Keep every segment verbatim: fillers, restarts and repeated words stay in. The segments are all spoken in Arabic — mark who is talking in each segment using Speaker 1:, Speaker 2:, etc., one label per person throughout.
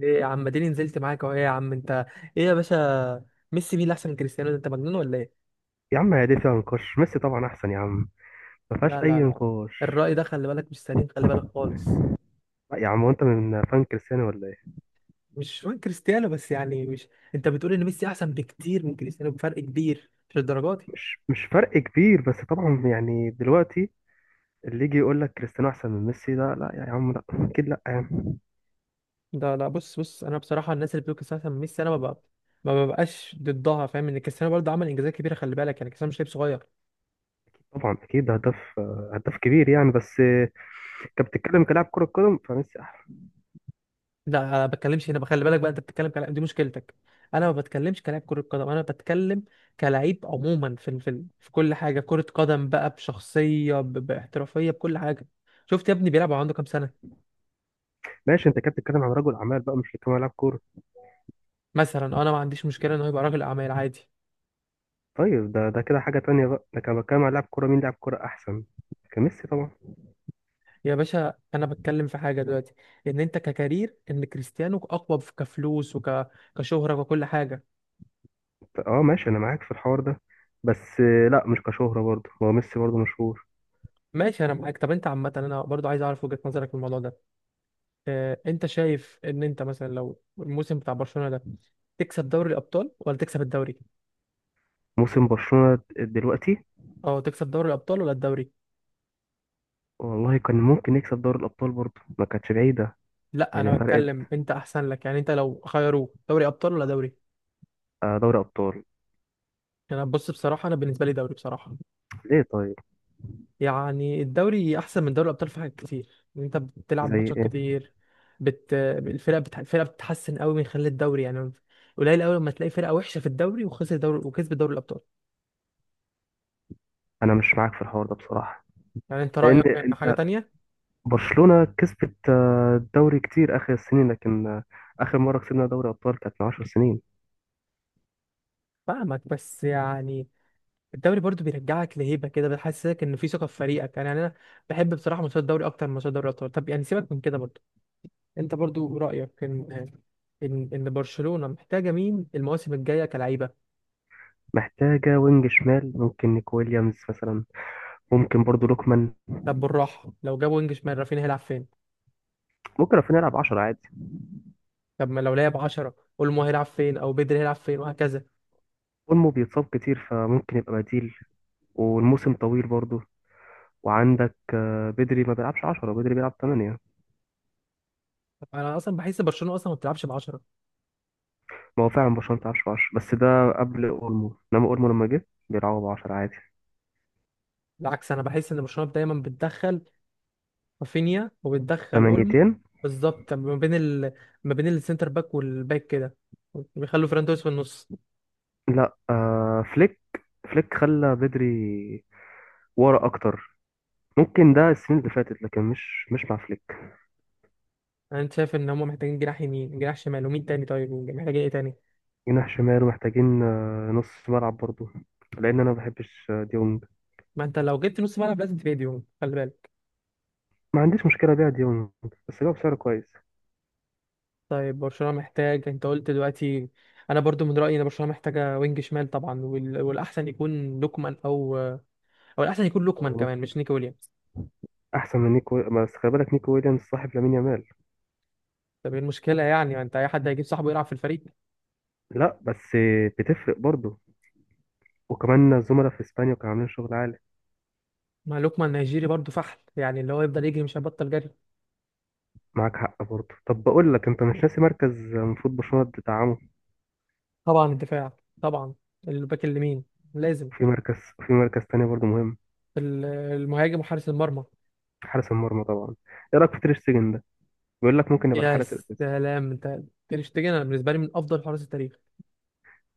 Speaker 1: ايه يا عم اديني نزلت معاك اهو. ايه يا عم انت؟ ايه يا باشا؟ ميسي مين اللي احسن من كريستيانو؟ ده انت مجنون ولا ايه؟
Speaker 2: يا عم، هي دي فيها نقاش؟ ميسي طبعا احسن يا عم. ما فيهاش
Speaker 1: لا لا
Speaker 2: اي
Speaker 1: لا،
Speaker 2: نقاش.
Speaker 1: الرأي ده خلي بالك مش سليم، خلي بالك خالص.
Speaker 2: لا يا عم، هو انت من فان كريستيانو ولا ايه؟
Speaker 1: مش من كريستيانو بس، يعني مش، انت بتقول ان ميسي احسن بكتير من كريستيانو بفرق كبير؟ مش الدرجات دي.
Speaker 2: مش مش فرق كبير، بس طبعا يعني دلوقتي، اللي يجي يقول لك كريستيانو احسن من ميسي ده، لا يا عم، لا اكيد، لا يا عم.
Speaker 1: لا لا، بص بص، انا بصراحة الناس اللي بتقول كريستيانو احسن من ميسي انا ما ببقى ما ببقاش ضدها. فاهم؟ ان كريستيانو برضه عمل انجازات كبيرة، خلي بالك، يعني كريستيانو مش لعيب صغير.
Speaker 2: طبعا اكيد، ده هداف. هداف كبير يعني. بس كنت بتتكلم كلاعب كره قدم، فميسي احسن.
Speaker 1: لا انا ما بتكلمش هنا، خلي بالك بقى. انت بتتكلم كلاعب، دي مشكلتك. انا ما بتكلمش كلاعب كرة قدم، انا بتكلم كلاعب عموما في ال- في ال- في كل حاجة، كرة قدم بقى، بشخصية، ب- باحترافية، بكل حاجة. شفت يا ابني بيلعب وهو عنده كام سنة؟
Speaker 2: ماشي، انت كنت بتتكلم عن رجل اعمال بقى، مش كمان لاعب كوره.
Speaker 1: مثلا انا ما عنديش مشكلة ان هو يبقى راجل اعمال عادي.
Speaker 2: طيب، ده ده كده حاجه تانية بقى. ده كان بتكلم عن لاعب كوره، مين لاعب كوره احسن. كان ميسي طبعا.
Speaker 1: يا باشا انا بتكلم في حاجة دلوقتي، ان انت ككارير ان كريستيانو اقوى في- كفلوس وك كشهرة وكل حاجة.
Speaker 2: اه ماشي، انا معاك في الحوار ده. بس آه، لا، مش كشهرة برضه، هو ميسي برضه مشهور.
Speaker 1: ماشي انا معاك. طب انت عامة انا برضو عايز اعرف وجهة نظرك في الموضوع ده. آه، انت شايف ان انت مثلا لو الموسم بتاع برشلونة ده تكسب دوري الابطال ولا تكسب الدوري؟
Speaker 2: موسم برشلونة دلوقتي؟
Speaker 1: اه، تكسب دوري الابطال ولا الدوري؟
Speaker 2: والله كان ممكن يكسب دوري الابطال برضه، ما كانتش بعيدة.
Speaker 1: لا
Speaker 2: يعني
Speaker 1: انا بتكلم
Speaker 2: فرقت.
Speaker 1: انت احسن لك، يعني انت لو خيروه دوري ابطال ولا دوري؟
Speaker 2: آه، دوري ابطال.
Speaker 1: يعني انا، بص بصراحة، انا بالنسبة لي دوري بصراحة.
Speaker 2: ليه طيب؟
Speaker 1: يعني الدوري احسن من دوري الابطال في حاجات كتير، إن انت بتلعب
Speaker 2: زي
Speaker 1: ماتشات
Speaker 2: ايه؟
Speaker 1: كتير. بت... الفرق بت... الفرق بتتحسن قوي من خلال الدوري، يعني قليل قوي لما تلاقي فرقة وحشة في الدوري وخسر دوري وكسب دوري الابطال.
Speaker 2: انا مش معاك في الحوار ده بصراحة.
Speaker 1: يعني انت
Speaker 2: لان
Speaker 1: رأيك ان حاجة
Speaker 2: انت-
Speaker 1: تانية.
Speaker 2: برشلونة كسبت آه، الدوري كتير اخر السنين، لكن آه، اخر مرة كسبنا دوري ابطال كانت من عشر سنين.
Speaker 1: فاهمك بس يعني، الدوري برضو بيرجعك لهيبه كده، بيحسسك ان في ثقه في فريقك. يعني انا بحب بصراحه ماتشات الدوري اكتر من ماتشات دوري الابطال. طب يعني سيبك من كده برضو. انت برضو رايك ان ان ان برشلونه محتاجه مين المواسم الجايه كلعيبه؟
Speaker 2: محتاجة وينج شمال، ممكن نيكو ويليامز مثلا. ممكن برضه لوكمان.
Speaker 1: طب بالراحه، لو جابوا وينج شمال رافينيا هيلعب فين؟
Speaker 2: ممكن رافينيا يلعب عشرة عادي.
Speaker 1: طب ما لو لعب عشرة اولمو هيلعب فين او بدري هيلعب فين وهكذا.
Speaker 2: اولمو بيتصاب كتير، فممكن يبقى بديل. والموسم طويل برضه. وعندك آه، بدري ما بيلعبش عشرة، بدري بيلعب ثمانية.
Speaker 1: طب انا اصلا بحس برشلونه اصلا ما بتلعبش ب عشرة.
Speaker 2: ما هو فعلا برشلونة ما بتلعبش عشرة، بس ده قبل اولمو، انما اولمو لما جه بيلعبوا ب عشرة عادي.
Speaker 1: بالعكس انا بحس ان برشلونه دايما بتدخل رافينيا وبتدخل اولمو.
Speaker 2: تمانية.
Speaker 1: بالظبط. طب ما بين ال... ما بين السنتر باك والباك كده بيخلوا فران توريس في النص.
Speaker 2: لا آه فليك. فليك خلى بدري ورا اكتر. ممكن ده السنين اللي فاتت، لكن مش مش مع فليك.
Speaker 1: انا شايف ان هم محتاجين جناح يمين، جناح شمال، ومين تاني؟ طيب محتاجين ايه تاني؟
Speaker 2: جناح شمال، ومحتاجين آه، نص ملعب برضه، لان انا ما بحبش آه، ديونج.
Speaker 1: ما انت لو جبت نص ملعب لازم تبيع ديونج، خلي بالك.
Speaker 2: ما عنديش مشكله بيع ديونج. بس جاب سعر كويس.
Speaker 1: طيب برشلونة محتاج، انت قلت دلوقتي، انا برضو من رأيي ان برشلونة محتاجة وينج شمال طبعا، وال... والاحسن يكون لوكمان، او او الاحسن يكون لوكمان
Speaker 2: هو
Speaker 1: كمان،
Speaker 2: نيك-
Speaker 1: مش نيكي ويليامز.
Speaker 2: احسن من نيكو، بس خلي بالك، نيكو ويليامز صاحب لامين يامال.
Speaker 1: طب ايه المشكلة يعني؟ ما انت اي حد هيجيب صاحبه يلعب في الفريق.
Speaker 2: لا بس بتفرق برضه. وكمان الزملاء في اسبانيا كانوا عاملين شغل عالي.
Speaker 1: ما لوكمان نيجيري برضو فحل، يعني اللي هو يفضل يجري مش هيبطل جري.
Speaker 2: معاك حق برضه. طب بقول لك، انت مش ناسي مركز المفروض برشلونة تدعمه؟
Speaker 1: طبعا الدفاع، طبعا الباك اليمين لازم.
Speaker 2: في مركز في مركز تاني برضه مهم.
Speaker 1: ال- المهاجم وحارس المرمى.
Speaker 2: حارس المرمى طبعا. ايه رايك في تير شتيجن ده؟ بيقول لك ممكن يبقى
Speaker 1: يا
Speaker 2: الحارس الاساسي.
Speaker 1: سلام! انت تير شتيجن انا بالنسبه لي من افضل حراس التاريخ.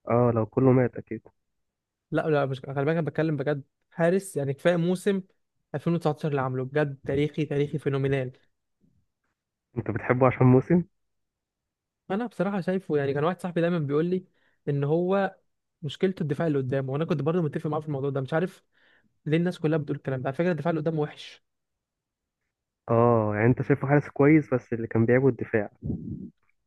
Speaker 2: اه، لو كله مات اكيد.
Speaker 1: لا لا، مش، خلي بالك، انا بتكلم بجد. حارس، يعني كفايه موسم ألفين وتسعتاشر اللي عامله، بجد تاريخي، تاريخي، فينومينال.
Speaker 2: انت بتحبه عشان موسم.
Speaker 1: انا بصراحه شايفه، يعني كان واحد صاحبي دايما بيقول لي ان هو مشكلته الدفاع اللي قدامه، وانا كنت برضه متفق معاه في الموضوع ده. مش عارف ليه الناس كلها بتقول الكلام ده. على فكره الدفاع اللي قدامه وحش.
Speaker 2: اه، يعني انت شايفه حارس كويس، بس اللي كان بيعبه الدفاع.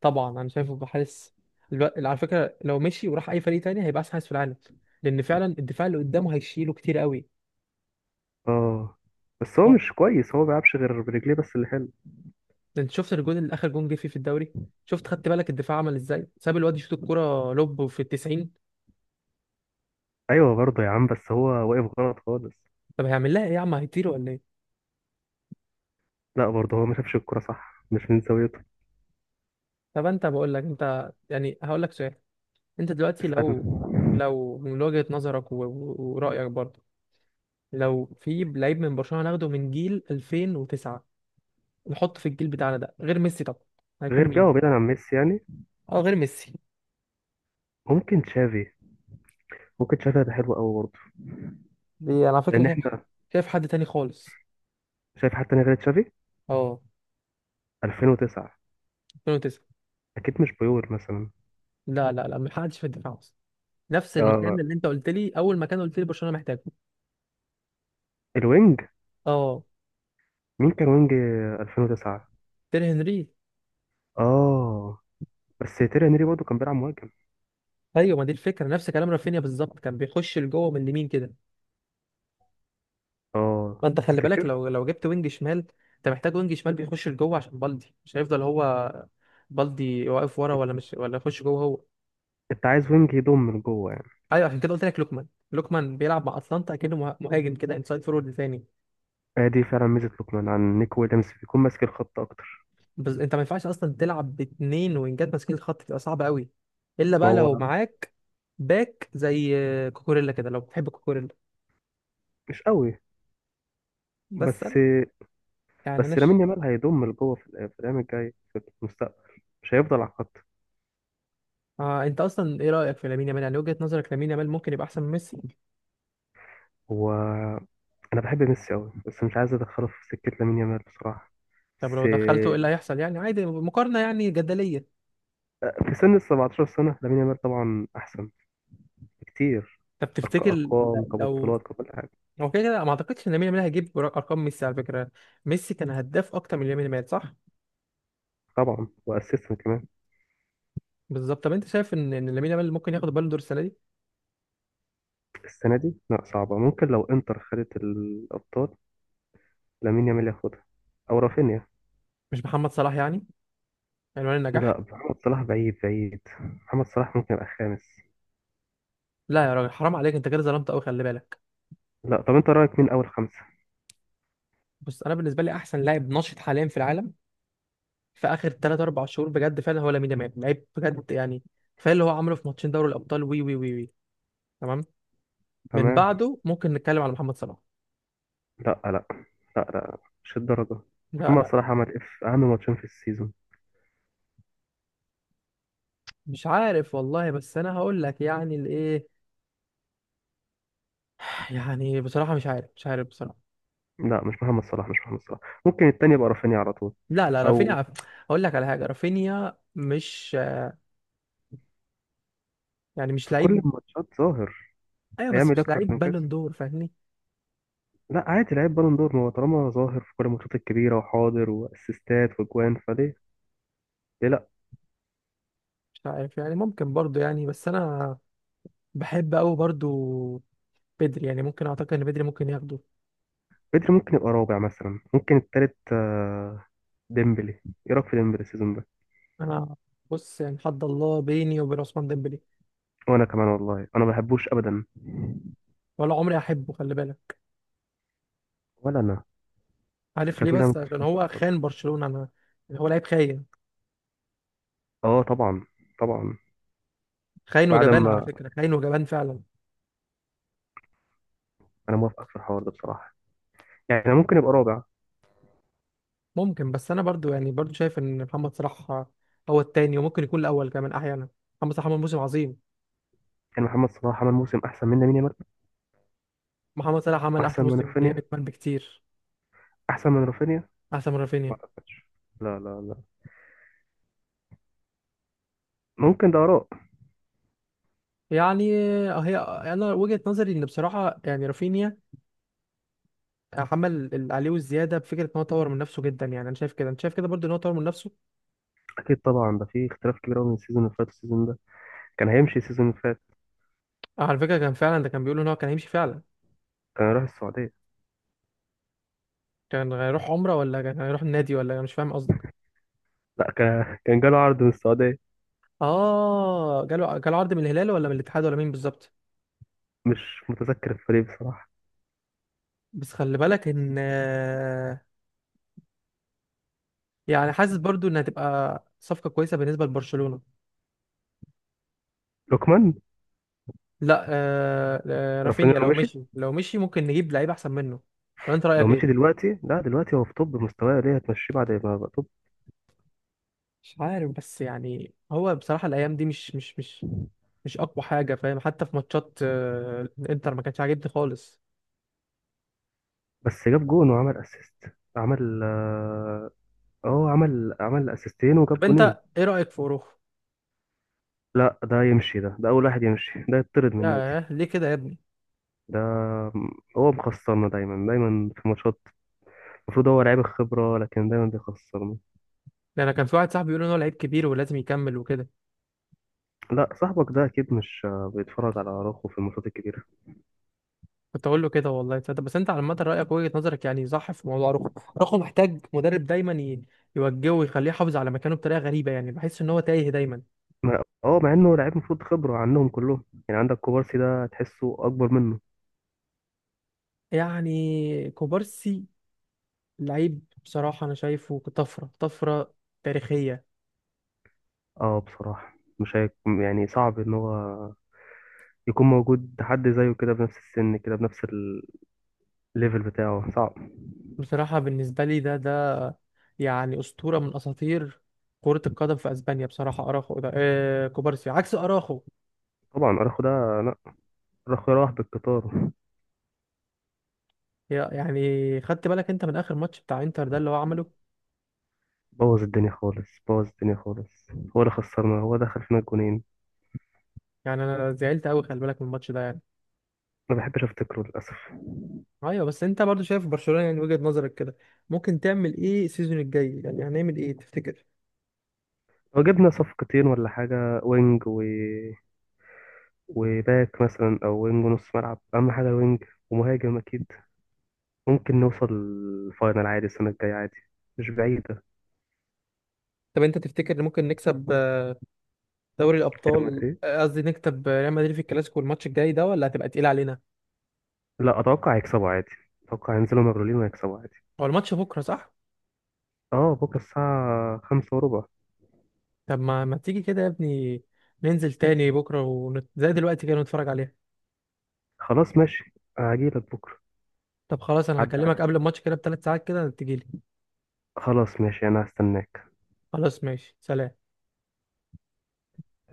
Speaker 1: طبعا انا شايفه بحارس. الو- على فكره لو مشي وراح اي فريق تاني هيبقى احسن حارس في العالم، لان فعلا الدفاع اللي قدامه هيشيله كتير قوي.
Speaker 2: اه، بس هو مش كويس. هو ما بيلعبش غير برجليه بس اللي حلو.
Speaker 1: ده انت شفت الجون اللي اخر جون جه فيه في الدوري؟ شفت؟ خدت بالك الدفاع عمل ازاي؟ ساب الواد يشوط الكرة لوب في التسعين.
Speaker 2: ايوه برضه يا عم، بس هو واقف غلط خالص.
Speaker 1: طب هيعمل لها ايه يا عم؟ هيطير ولا ايه؟
Speaker 2: لا، برضه هو ما شافش الكرة صح، مش من زاويته.
Speaker 1: طب انت بقول لك انت، يعني هقول لك سؤال. انت دلوقتي لو،
Speaker 2: اسألنا.
Speaker 1: لو من وجهة نظرك و- و- ورأيك برضه، لو في لعيب من برشلونة ناخده من جيل ألفين وتسعة نحطه في الجيل بتاعنا ده، غير ميسي طبعا، هيكون
Speaker 2: غير بقى،
Speaker 1: مين؟
Speaker 2: وبعيدا عن ميسي يعني.
Speaker 1: اه غير ميسي.
Speaker 2: ممكن تشافي. ممكن تشافي هيبقى حلو قوي برضه.
Speaker 1: دي انا على فكرة
Speaker 2: لان
Speaker 1: شايف حد،
Speaker 2: احنا
Speaker 1: شايف حد تاني خالص.
Speaker 2: شايف حتى انا غير تشافي.
Speaker 1: اه،
Speaker 2: ألفين وتسعة.
Speaker 1: ألفين وتسعة.
Speaker 2: اكيد مش بيول مثلا.
Speaker 1: لا لا لا، ما حدش في الدفاع. نفس المكان
Speaker 2: آه
Speaker 1: اللي انت قلت لي اول مكان قلت لي برشلونه محتاجه.
Speaker 2: الوينج.
Speaker 1: اه،
Speaker 2: مين كان وينج ألفين وتسعة؟
Speaker 1: تير هنري.
Speaker 2: اه، بس تيري هنري برضه كان بيلعب مهاجم.
Speaker 1: ايوه، ما دي الفكره، نفس كلام رافينيا بالظبط، كان بيخش لجوه من اليمين كده.
Speaker 2: اه
Speaker 1: ما انت خلي بالك،
Speaker 2: تفتكر؟
Speaker 1: لو لو جبت وينج شمال، انت محتاج وينج شمال بيخش لجوه، عشان بالدي مش هيفضل هو، بالدي واقف ورا ولا مش، ولا يخش جوه هو.
Speaker 2: انت عايز وينج يضم من جوه يعني.
Speaker 1: ايوه، عشان كده قلت لك لوكمان. لوكمان بيلعب مع اتلانتا اكنه مه- مهاجم كده، انسايد فورورد ثاني.
Speaker 2: آه دي فعلا ميزه لوكمان عن نيك ويليامز، بيكون ماسك الخط اكتر.
Speaker 1: بس انت ما ينفعش اصلا تلعب باتنين وينجات ماسكين الخط، تبقى صعبه قوي. الا
Speaker 2: ما
Speaker 1: بقى لو
Speaker 2: هو
Speaker 1: معاك باك زي كوكوريلا كده، لو بتحب كوكوريلا.
Speaker 2: مش قوي.
Speaker 1: بس
Speaker 2: بس،
Speaker 1: أنا- يعني انا
Speaker 2: بس لامين
Speaker 1: ش...
Speaker 2: يامال هيضم من جوه في الأيام- في الايام الجايه في المستقبل، مش هيفضل على الخط.
Speaker 1: آه، انت اصلا ايه رايك في لامين يامال؟ يعني وجهه نظرك، لامين يامال ممكن يبقى احسن من ميسي؟
Speaker 2: هو، انا بحب ميسي قوي، بس مش عايز ادخله في سكه لامين يامال بصراحه.
Speaker 1: طب لو
Speaker 2: بس
Speaker 1: دخلته ايه اللي هيحصل يعني، عادي، مقارنه يعني جدليه.
Speaker 2: في سن ال سبعة عشر سنه لامين يامال طبعا احسن بكتير.
Speaker 1: طب
Speaker 2: أرق-
Speaker 1: تفتكر ل-
Speaker 2: ارقام
Speaker 1: لو،
Speaker 2: كبطولات ككل حاجه.
Speaker 1: هو كده كده ما اعتقدش ان لامين يامال هيجيب ر- ارقام ميسي، على فكره. ميسي كان هداف اكتر من لامين يامال، صح؟
Speaker 2: طبعا واسيستم كمان.
Speaker 1: بالظبط. طب انت شايف ان ان لامين يامال ممكن ياخد البالون دور السنه دي؟
Speaker 2: السنه دي لا صعبه، ممكن لو انتر خدت الابطال لامين يامال ياخدها، او رافينيا.
Speaker 1: مش محمد صلاح يعني، عنوان النجاح؟
Speaker 2: لا، محمد صلاح بعيد بعيد. محمد صلاح ممكن يبقى خامس.
Speaker 1: لا يا راجل حرام عليك، انت كده ظلمت قوي، خلي بالك.
Speaker 2: لا، طب انت رايك مين اول خمسه؟
Speaker 1: بص، انا بالنسبه لي احسن لاعب ناشط حاليا في العالم في اخر تلات أربع شهور، بجد فعلا هو لامين يامال. لعيب بجد يعني، كفايه اللي هو عمله في ماتشين دوري الابطال. وي وي وي وي، تمام. من
Speaker 2: تمام.
Speaker 1: بعده ممكن نتكلم على محمد صلاح.
Speaker 2: لا لا. لا لا. مش الدرجه.
Speaker 1: لا
Speaker 2: محمد
Speaker 1: لا.
Speaker 2: صلاح عمل اف اهم ماتشين في السيزون.
Speaker 1: مش عارف والله، بس انا هقول لك يعني الايه، يعني بصراحه مش عارف، مش عارف بصراحه.
Speaker 2: لا مش محمد صلاح، مش محمد صلاح. ممكن التاني يبقى رافينيا على طول،
Speaker 1: لا لا رافينيا،
Speaker 2: او.
Speaker 1: عارف، هقول لك على حاجه. رافينيا مش، يعني مش
Speaker 2: في كل
Speaker 1: لعيب.
Speaker 2: الماتشات ظاهر.
Speaker 1: ايوه بس
Speaker 2: هيعمل
Speaker 1: مش
Speaker 2: اكتر
Speaker 1: لعيب
Speaker 2: من كده.
Speaker 1: بالون دور، فاهمني؟
Speaker 2: لا عادي، لعيب بالون دور. ما هو طالما ظاهر في كل الماتشات الكبيره وحاضر، واسيستات واجوان فليه، ليه لا؟
Speaker 1: مش عارف يعني، ممكن برضو، يعني بس انا بحب قوي برضو بدري، يعني ممكن اعتقد ان بدري ممكن ياخده.
Speaker 2: بدري ممكن يبقى رابع مثلا، ممكن التالت. آه، ديمبلي. ايه رايك في ديمبلي السيزون ده؟
Speaker 1: انا بص، يعني حد الله بيني وبين عثمان ديمبلي.
Speaker 2: وانا كمان والله، انا ما بحبوش ابدا.
Speaker 1: ولا عمري احبه، خلي بالك.
Speaker 2: ولا انا.
Speaker 1: عارف ليه؟
Speaker 2: شكلنا
Speaker 1: بس عشان
Speaker 2: متفقين في
Speaker 1: هو
Speaker 2: الحوار
Speaker 1: خان
Speaker 2: ده.
Speaker 1: برشلونة. انا، هو لعيب خاين،
Speaker 2: اه طبعا. طبعا.
Speaker 1: خاين
Speaker 2: بعد
Speaker 1: وجبان على
Speaker 2: ما
Speaker 1: فكرة، خاين وجبان فعلا.
Speaker 2: انا موافقك في الحوار ده بصراحه، يعني ممكن يبقى رابع.
Speaker 1: ممكن. بس انا برضو، يعني برضو شايف ان محمد صلاح هو التاني، وممكن يكون الاول كمان احيانا. محمد صلاح عمل موسم عظيم.
Speaker 2: يعني محمد صلاح عمل موسم احسن منه مين؟
Speaker 1: محمد صلاح عمل
Speaker 2: احسن
Speaker 1: احسن
Speaker 2: من
Speaker 1: موسم
Speaker 2: رافينيا.
Speaker 1: كمان بكتير،
Speaker 2: احسن من رافينيا.
Speaker 1: احسن من
Speaker 2: ما
Speaker 1: رافينيا.
Speaker 2: اعتقدش. لا لا لا. ممكن ده اراء.
Speaker 1: يعني هي انا وجهة نظري ان بصراحة، يعني رافينيا عمل اللي عليه والزيادة، بفكرة ان هو طور من نفسه جدا. يعني انا شايف كده، انت شايف كده برضو ان هو طور من نفسه.
Speaker 2: اكيد طبعا، ده في اختلاف كبير قوي من السيزون اللي فات والسيزون ده. كان هيمشي السيزون اللي فات.
Speaker 1: آه، على فكرة كان فعلا ده، كان بيقول ان هو كان هيمشي فعلا.
Speaker 2: كان راح السعوديه.
Speaker 1: كان هيروح عمرة ولا كان هيروح النادي، ولا أنا مش فاهم قصدك؟
Speaker 2: لا، كان كان جاله عرض من السعوديه.
Speaker 1: اه جاله جاله عرض من الهلال ولا من الاتحاد ولا مين بالظبط؟
Speaker 2: مش متذكر الفريق بصراحه.
Speaker 1: بس خلي بالك ان، يعني حاسس برضو انها تبقى صفقة كويسة بالنسبة لبرشلونة.
Speaker 2: لوكمان.
Speaker 1: لا آه، آه،
Speaker 2: رافينيا
Speaker 1: رافينيا
Speaker 2: لو
Speaker 1: لو
Speaker 2: مشي.
Speaker 1: مشي، لو مشي ممكن نجيب لعيب احسن منه. ولا انت
Speaker 2: لو
Speaker 1: رأيك
Speaker 2: مشي
Speaker 1: ايه؟
Speaker 2: دلوقتي لا، دلوقتي هو في توب مستواه، ليه هتمشيه بعد ما يبقى توب؟
Speaker 1: مش عارف، بس يعني هو بصراحة الايام دي مش مش مش مش اقوى حاجة، فاهم؟ حتى في ماتشات آه، الانتر ما كانش عاجبني خالص.
Speaker 2: بس جاب جون وعمل اسيست. عمل اه آه، عمل عمل اسيستين وجاب
Speaker 1: طب
Speaker 2: جونين.
Speaker 1: انت ايه رأيك في اوروخو؟
Speaker 2: لا ده يمشي، ده ده اول واحد يمشي، ده يطرد من النادي.
Speaker 1: ياه ليه كده يا ابني؟
Speaker 2: ده هو مخسرنا دايما دايما في ماتشات. المفروض هو لعيب الخبرة لكن دايما بيخسرنا.
Speaker 1: ده انا كان في واحد صاحبي بيقول ان هو لعيب كبير ولازم يكمل وكده.
Speaker 2: لا صاحبك ده أكيد مش آه، بيتفرج على أراوخو في الماتشات الكبيرة.
Speaker 1: كنت اقول له كده والله، تصدق. بس انت على عامه رايك وجهه نظرك يعني صح في موضوع رخو. رخو محتاج مدرب دايما ي- يوجهه ويخليه يحافظ على مكانه، بطريقه غريبه، يعني بحس ان هو تايه دايما.
Speaker 2: ما- اه، مع إنه لعيب المفروض خبرة عنهم كلهم يعني. عندك كوبارسي ده تحسه أكبر منه.
Speaker 1: يعني كوبارسي، لعيب بصراحه، انا شايفه طفره، طفره تاريخيه.
Speaker 2: اه بصراحة، مش هيك يعني، صعب إن هو يكون موجود حد زيه كده بنفس السن كده بنفس الليفل بتاعه. صعب.
Speaker 1: بصراحه بالنسبه لي ده ده يعني اسطوره من اساطير كرة القدم في اسبانيا بصراحة. اراخو ده، آه كوبارسي عكس اراخو.
Speaker 2: طبعا أراخو ده، لا، أراخو راح بالقطار.
Speaker 1: يا- يعني خدت بالك انت من اخر ماتش بتاع انتر ده اللي هو عمله؟
Speaker 2: بوظ الدنيا خالص، بوظ الدنيا خالص. هو اللي خسرنا، هو دخل فينا الجونين.
Speaker 1: يعني انا زعلت قوي، خلي بالك، من الماتش ده يعني.
Speaker 2: ما بحبش افتكره للاسف.
Speaker 1: ايوه. بس انت برضو شايف برشلونة، يعني وجهة نظرك كده، ممكن تعمل ايه السيزون الجاي؟ يعني هنعمل ايه تفتكر؟
Speaker 2: لو جبنا صفقتين ولا حاجه، وينج و... وباك مثلا، او وينج ونص ملعب، اهم حاجه الوينج ومهاجم اكيد. ممكن نوصل الفاينل عادي السنه الجايه عادي. مش بعيده.
Speaker 1: طب انت تفتكر ممكن نكسب آه، دوري
Speaker 2: ريال
Speaker 1: الابطال،
Speaker 2: مدريد؟
Speaker 1: آه، قصدي نكسب آه، ريال مدريد في الكلاسيكو الماتش الجاي ده، ولا هتبقى تقيل علينا؟
Speaker 2: لا، اتوقع يكسبوا عادي. اتوقع ينزلوا مبلولين ويكسبوا عادي.
Speaker 1: هو الماتش بكره، صح؟
Speaker 2: اه بكره الساعه خمسة وربع.
Speaker 1: طب ما ما تيجي كده يا ابني ننزل تاني بكره ونت... زي دلوقتي كده نتفرج عليها.
Speaker 2: خلاص ماشي، هجيلك بكره.
Speaker 1: طب خلاص، انا
Speaker 2: عدى
Speaker 1: هكلمك
Speaker 2: عليك.
Speaker 1: قبل الماتش كده بثلاث ساعات كده تجيلي.
Speaker 2: خلاص ماشي، انا هستناك.
Speaker 1: خلاص ماشي، سلام.